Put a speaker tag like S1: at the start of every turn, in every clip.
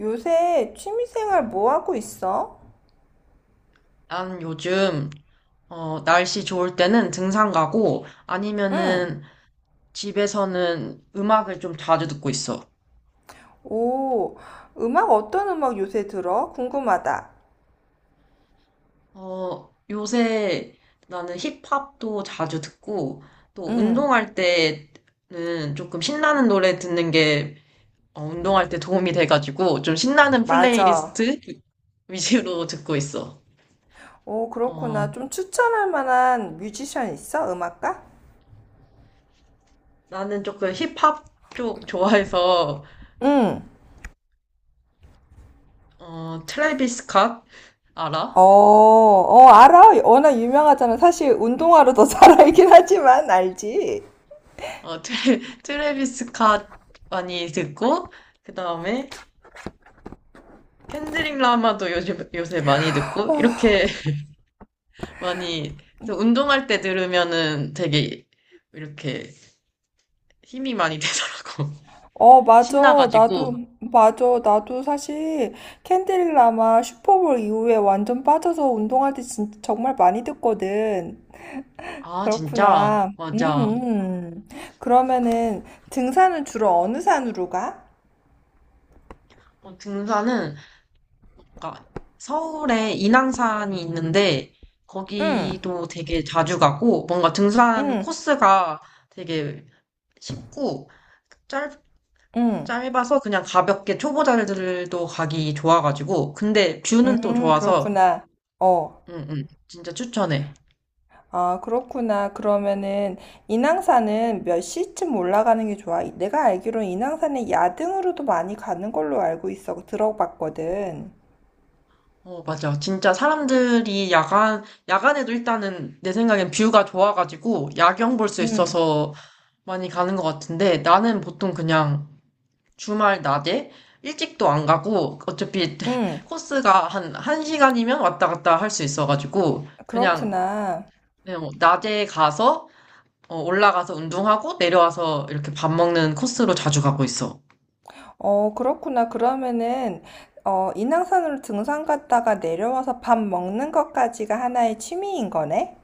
S1: 요새 취미생활 뭐 하고 있어?
S2: 난 요즘, 날씨 좋을 때는 등산 가고,
S1: 응.
S2: 아니면은 집에서는 음악을 좀 자주 듣고 있어.
S1: 오, 음악 어떤 음악 요새 들어? 궁금하다.
S2: 요새 나는 힙합도 자주 듣고, 또
S1: 응,
S2: 운동할 때는 조금 신나는 노래 듣는 게, 운동할 때 도움이 돼가지고, 좀 신나는
S1: 맞아.
S2: 플레이리스트 위주로 듣고 있어.
S1: 오,
S2: 어,
S1: 그렇구나. 좀 추천할 만한 뮤지션 있어? 음악가?
S2: 나는 조금 힙합 쪽 좋아해서,
S1: 응.
S2: 트래비스 스캇 알아?
S1: 알아. 워낙 유명하잖아. 사실 운동화로 더 잘 알긴 하지만 알지?
S2: 트래비스 캇 많이 듣고, 그 다음에 켄드릭 라마도 요새 많이 듣고, 이렇게 많이, 그래서 운동할 때 들으면은 되게 이렇게 힘이 많이 되더라고.
S1: 어, 맞아. 나도,
S2: 신나가지고.
S1: 맞아. 나도 사실 캔디릭 라마 슈퍼볼 이후에 완전 빠져서 운동할 때 진짜 정말 많이 듣거든.
S2: 아, 진짜?
S1: 그렇구나.
S2: 맞아.
S1: 그러면은 등산은 주로 어느 산으로 가?
S2: 등산은, 그러니까 서울에 인왕산이 있는데,
S1: 응,
S2: 거기도 되게 자주 가고, 뭔가 등산
S1: 응,
S2: 코스가 되게 쉽고,
S1: 응,
S2: 짧아서 그냥 가볍게 초보자들도 가기 좋아가지고 근데 뷰는 또 좋아서
S1: 그렇구나. 어,
S2: 응응 진짜 추천해.
S1: 아, 그렇구나. 그러면은 인왕산은 몇 시쯤 올라가는 게 좋아? 내가 알기로 인왕산에 야등으로도 많이 가는 걸로 알고 있어. 들어봤거든.
S2: 어 맞아 진짜 사람들이 야간에도 일단은 내 생각엔 뷰가 좋아가지고 야경 볼 수
S1: 응,
S2: 있어서 많이 가는 것 같은데 나는 보통 그냥 주말 낮에 일찍도 안 가고 어차피
S1: 응,
S2: 코스가 한 1시간이면 왔다 갔다 할 수 있어가지고
S1: 그렇구나.
S2: 그냥 뭐 낮에 가서 올라가서 운동하고 내려와서 이렇게 밥 먹는 코스로 자주 가고 있어.
S1: 어, 그렇구나. 그러면은, 어, 인왕산으로 등산 갔다가 내려와서 밥 먹는 것까지가 하나의 취미인 거네?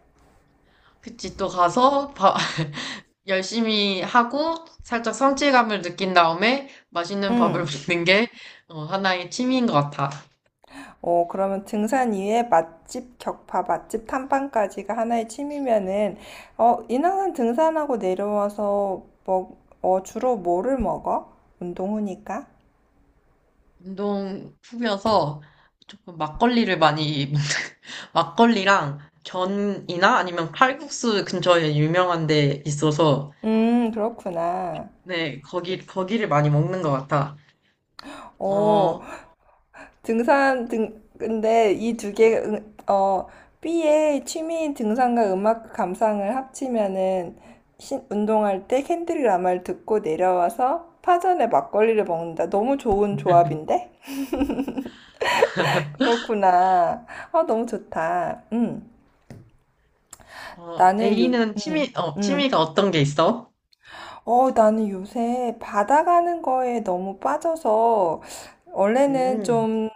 S2: 그치, 또 가서 밥 열심히 하고 살짝 성취감을 느낀 다음에 맛있는 밥을
S1: 응.
S2: 먹는 게 하나의 취미인 것 같아.
S1: 어, 그러면 등산 이외에 맛집 격파, 맛집 탐방까지가 하나의 취미면은, 어, 인왕산 등산하고 내려와서 어, 주로 뭐를 먹어? 운동 후니까?
S2: 운동 후면서 조금 막걸리를 많이 먹는, 막걸리랑 전이나 아니면 칼국수 근처에 유명한 데 있어서
S1: 그렇구나.
S2: 네, 거기를 많이 먹는 것 같아.
S1: 어,
S2: 어,
S1: 등산 등 근데 이 두 개 응, 어 B의 취미인 등산과 음악 감상을 합치면은 운동할 때 캔드릭 라마를 듣고 내려와서 파전에 막걸리를 먹는다. 너무 좋은 조합인데? 그렇구나. 아, 너무 좋다. 음.
S2: 어,
S1: 나는 요
S2: A는
S1: 음. 음.
S2: 취미가 어떤 게 있어?
S1: 어, 나는 요새 바다 가는 거에 너무 빠져서 원래는
S2: 음,
S1: 좀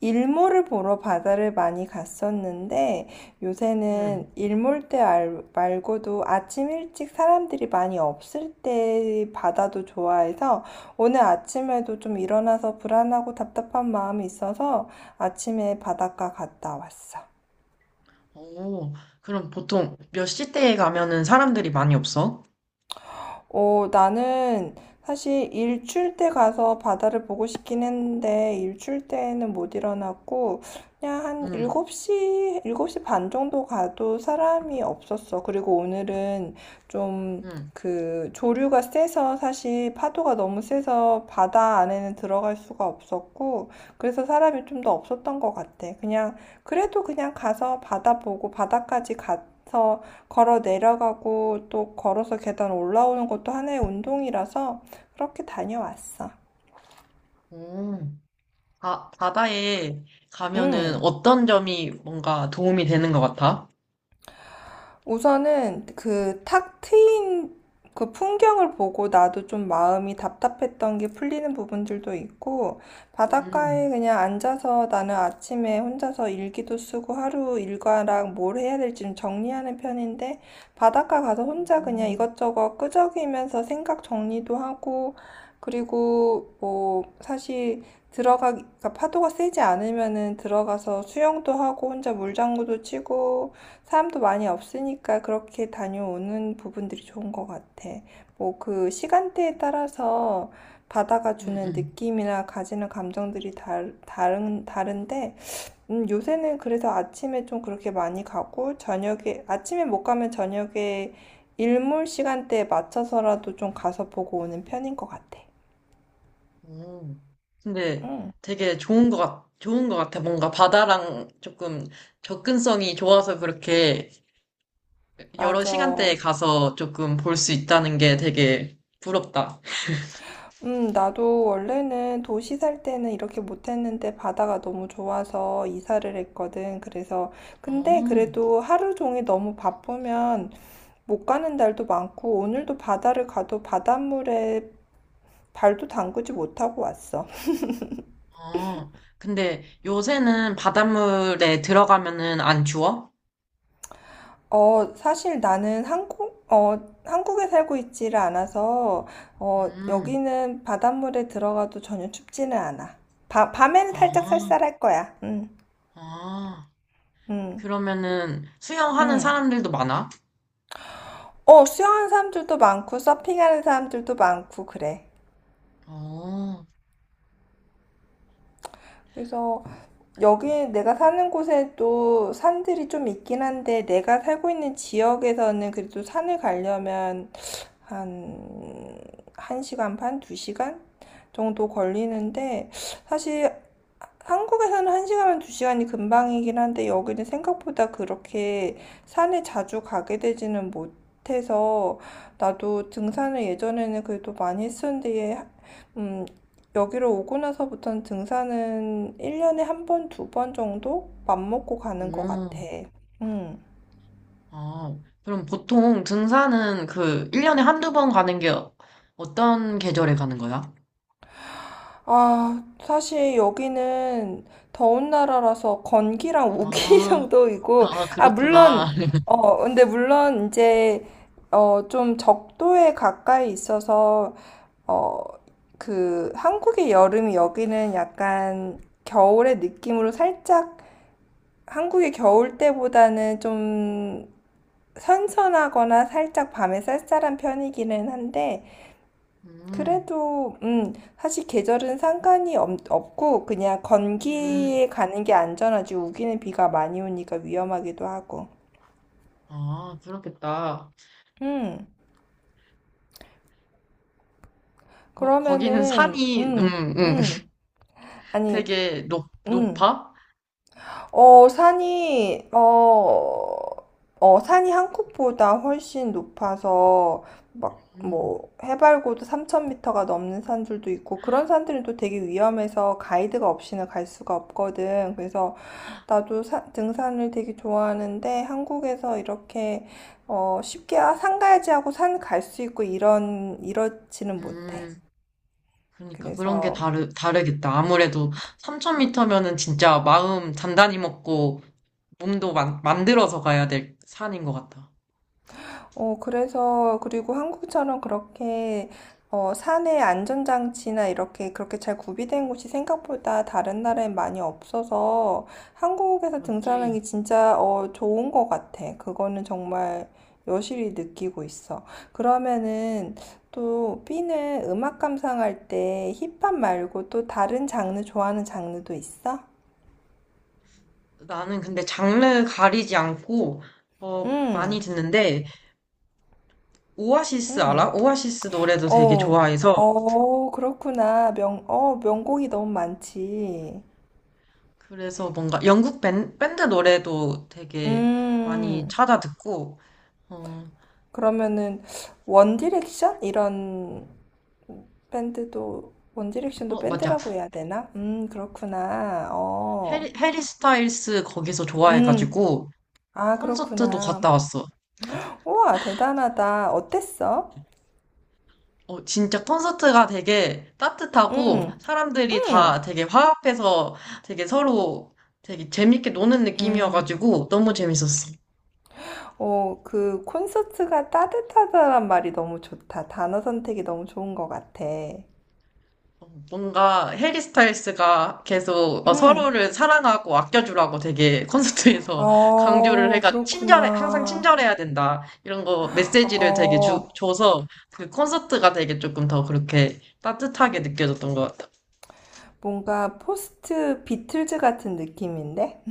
S1: 일몰을 보러 바다를 많이 갔었는데 요새는
S2: 음.
S1: 일몰 때 말고도 아침 일찍 사람들이 많이 없을 때 바다도 좋아해서 오늘 아침에도 좀 일어나서 불안하고 답답한 마음이 있어서 아침에 바닷가 갔다 왔어.
S2: 오, 그럼 보통 몇 시대에 가면은 사람들이 많이 없어?
S1: 어, 나는 사실 일출 때 가서 바다를 보고 싶긴 했는데 일출 때는 못 일어났고 그냥 한
S2: 음,
S1: 일곱 시 7시 반 정도 가도 사람이 없었어. 그리고 오늘은 좀
S2: 음.
S1: 그 조류가 세서 사실 파도가 너무 세서 바다 안에는 들어갈 수가 없었고 그래서 사람이 좀 더 없었던 것 같아. 그냥 그래도 그냥 가서 바다 보고 바다까지 가서 걸어 내려가고 또 걸어서 계단 올라오는 것도 하나의 운동이라서 그렇게 다녀왔어.
S2: 오. 아, 바다에 가면은
S1: 음,
S2: 어떤 점이 뭔가 도움이 되는 것 같아?
S1: 우선은 그 탁 트인 그 풍경을 보고 나도 좀 마음이 답답했던 게 풀리는 부분들도 있고 바닷가에
S2: 음,
S1: 그냥 앉아서 나는 아침에 혼자서 일기도 쓰고 하루 일과랑 뭘 해야 될지 좀 정리하는 편인데 바닷가 가서 혼자 그냥
S2: 음,
S1: 이것저것 끄적이면서 생각 정리도 하고 그리고 뭐 사실 들어가 그러니까 파도가 세지 않으면은 들어가서 수영도 하고 혼자 물장구도 치고 사람도 많이 없으니까 그렇게 다녀오는 부분들이 좋은 것 같아. 뭐 그 시간대에 따라서 바다가
S2: 음,
S1: 주는
S2: 음.
S1: 느낌이나 가지는 감정들이 다른, 다른데. 요새는 그래서 아침에 좀 그렇게 많이 가고, 저녁에, 아침에 못 가면 저녁에 일몰 시간대에 맞춰서라도 좀 가서 보고 오는 편인 것 같아.
S2: 오. 근데
S1: 응,
S2: 되게 좋은 것 같아. 뭔가 바다랑 조금 접근성이 좋아서 그렇게 여러
S1: 맞아.
S2: 시간대에 가서 조금 볼 수 있다는 게 되게 부럽다.
S1: 나도 원래는 도시 살 때는 이렇게 못했는데 바다가 너무 좋아서 이사를 했거든. 그래서, 근데
S2: 어.
S1: 그래도 하루 종일 너무 바쁘면 못 가는 날도 많고, 오늘도 바다를 가도 바닷물에 발도 담그지 못하고 왔어.
S2: 어, 근데 요새는 바닷물에 들어가면은 안 추워?
S1: 어, 사실 나는 한국, 어, 한국에 살고 있지를 않아서, 어,
S2: 음,
S1: 여기는 바닷물에 들어가도 전혀 춥지는 않아. 밤에는 살짝
S2: 아,
S1: 쌀쌀할 거야. 응,
S2: 아.
S1: 응,
S2: 그러면은 수영하는
S1: 응.
S2: 사람들도 많아?
S1: 어, 수영하는 사람들도 많고, 서핑하는 사람들도 많고, 그래.
S2: 어,
S1: 그래서 여기 내가 사는 곳에도 산들이 좀 있긴 한데, 내가 살고 있는 지역에서는 그래도 산을 가려면 한, 1시간 반, 2시간 정도 걸리는데, 사실 한국에서는 1시간이면 2시간이 금방이긴 한데 여기는 생각보다 그렇게 산에 자주 가게 되지는 못해서 나도 등산을 예전에는 그래도 많이 했었는데 음, 여기로 오고 나서부터는 등산은 1년에 한 번, 두 번 정도 맘먹고 가는 것
S2: 어,
S1: 같아. 음.
S2: 아. 그럼 보통 등산은 그 1년에 한두 번 가는 게 어떤 계절에 가는 거야?
S1: 아, 사실 여기는 더운 나라라서 건기랑 우기
S2: 아,
S1: 정도이고,
S2: 아,
S1: 아, 물론,
S2: 그렇구나.
S1: 어, 근데 물론 이제, 어, 좀 적도에 가까이 있어서, 어, 그, 한국의 여름이 여기는 약간 겨울의 느낌으로 살짝, 한국의 겨울 때보다는 좀 선선하거나 살짝 밤에 쌀쌀한 편이기는 한데,
S2: 음,
S1: 그래도 사실 계절은 상관이 없고 그냥
S2: 음,
S1: 건기에 가는 게 안전하지 우기는 비가 많이 오니까 위험하기도 하고
S2: 아, 그렇겠다.
S1: 음
S2: 어, 거기는
S1: 그러면은 아니
S2: 되게
S1: 음,
S2: 높아?
S1: 어, 산이, 어, 어, 산이 한국보다 훨씬 높아서, 막,
S2: 음,
S1: 뭐, 해발고도 3,000m가 넘는 산들도 있고, 그런 산들은 또 되게 위험해서 가이드가 없이는 갈 수가 없거든. 그래서 나도 등산을 되게 좋아하는데, 한국에서 이렇게, 어, 쉽게, 아, 산 가야지 하고 산 갈 수 있고, 이런, 이렇지는 못해.
S2: 음. 그러니까 그런 게
S1: 그래서,
S2: 다르겠다. 아무래도 3,000m면은 진짜 마음 단단히 먹고 몸도 만들어서 가야 될 산인 것 같아.
S1: 어, 그래서, 그리고 한국처럼 그렇게, 어, 산에 안전장치나 이렇게, 그렇게 잘 구비된 곳이 생각보다 다른 나라에 많이 없어서 한국에서
S2: 맞지.
S1: 등산하기 진짜, 어, 좋은 것 같아. 그거는 정말 여실히 느끼고 있어. 그러면은 또 B는 음악 감상할 때 힙합 말고 또 다른 장르 좋아하는 장르도 있어?
S2: 나는 근데 장르 가리지 않고
S1: 응,
S2: 많이 듣는데 오아시스
S1: 응.
S2: 알아? 오아시스 노래도 되게
S1: 어,
S2: 좋아해서
S1: 어, 그렇구나. 어, 명곡이 너무 많지.
S2: 그래서 뭔가 영국 밴드 노래도 되게 많이
S1: 음,
S2: 찾아 듣고 어,
S1: 그러면은, 원디렉션? 이런 밴드도, 원디렉션도
S2: 어 맞아.
S1: 밴드라고 해야 되나? 그렇구나. 어,
S2: 해리 스타일스 거기서
S1: 음,
S2: 좋아해가지고
S1: 아,
S2: 콘서트도 갔다
S1: 그렇구나.
S2: 왔어.
S1: 우와, 대단하다. 어땠어?
S2: 어, 진짜 콘서트가 되게 따뜻하고
S1: 음,
S2: 사람들이 다
S1: 음,
S2: 되게 화합해서 되게 서로 되게 재밌게 노는
S1: 음.
S2: 느낌이어가지고 너무 재밌었어.
S1: 어, 그 콘서트가 따뜻하다란 말이 너무 좋다. 단어 선택이 너무 좋은 것 같아.
S2: 어, 뭔가 해리 스타일스가 계속
S1: 음.
S2: 서로를 사랑하고 아껴주라고 되게 콘서트에서 강조를
S1: 어,
S2: 해가 친절해, 항상
S1: 그렇구나.
S2: 친절해야 된다. 이런 거 메시지를 되게
S1: 어,
S2: 줘서 그 콘서트가 되게 조금 더 그렇게 따뜻하게 느껴졌던 것 같아.
S1: 뭔가 포스트 비틀즈 같은 느낌인데?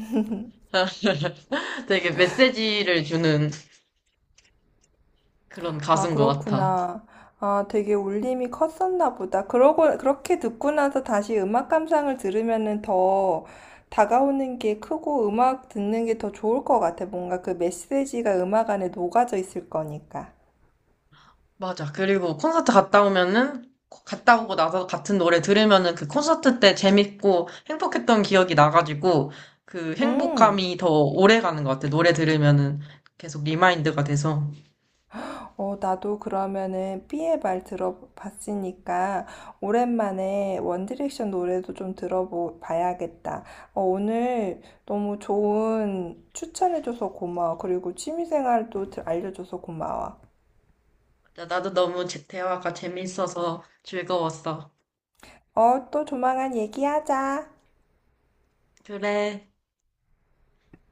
S2: 되게 메시지를 주는 그런
S1: 아,
S2: 가수인 것 같아.
S1: 그렇구나. 아, 되게 울림이 컸었나 보다. 그러고, 그렇게 듣고 나서 다시 음악 감상을 들으면은 더 다가오는 게 크고 음악 듣는 게 더 좋을 것 같아. 뭔가 그 메시지가 음악 안에 녹아져 있을 거니까.
S2: 맞아. 그리고 갔다 오고 나서 같은 노래 들으면은 그 콘서트 때 재밌고 행복했던 기억이 나가지고 그
S1: 음.
S2: 행복감이 더 오래 가는 것 같아. 노래 들으면은 계속 리마인드가 돼서.
S1: 어, 나도 그러면은 삐의 말 들어봤으니까 오랜만에 원디렉션 노래도 좀 들어봐야겠다. 어, 오늘 너무 좋은 추천해줘서 고마워. 그리고 취미생활도 알려줘서 고마워.
S2: 맞아, 나도 대화가 재밌어서 즐거웠어.
S1: 어, 또 조만간 얘기하자.
S2: 그래.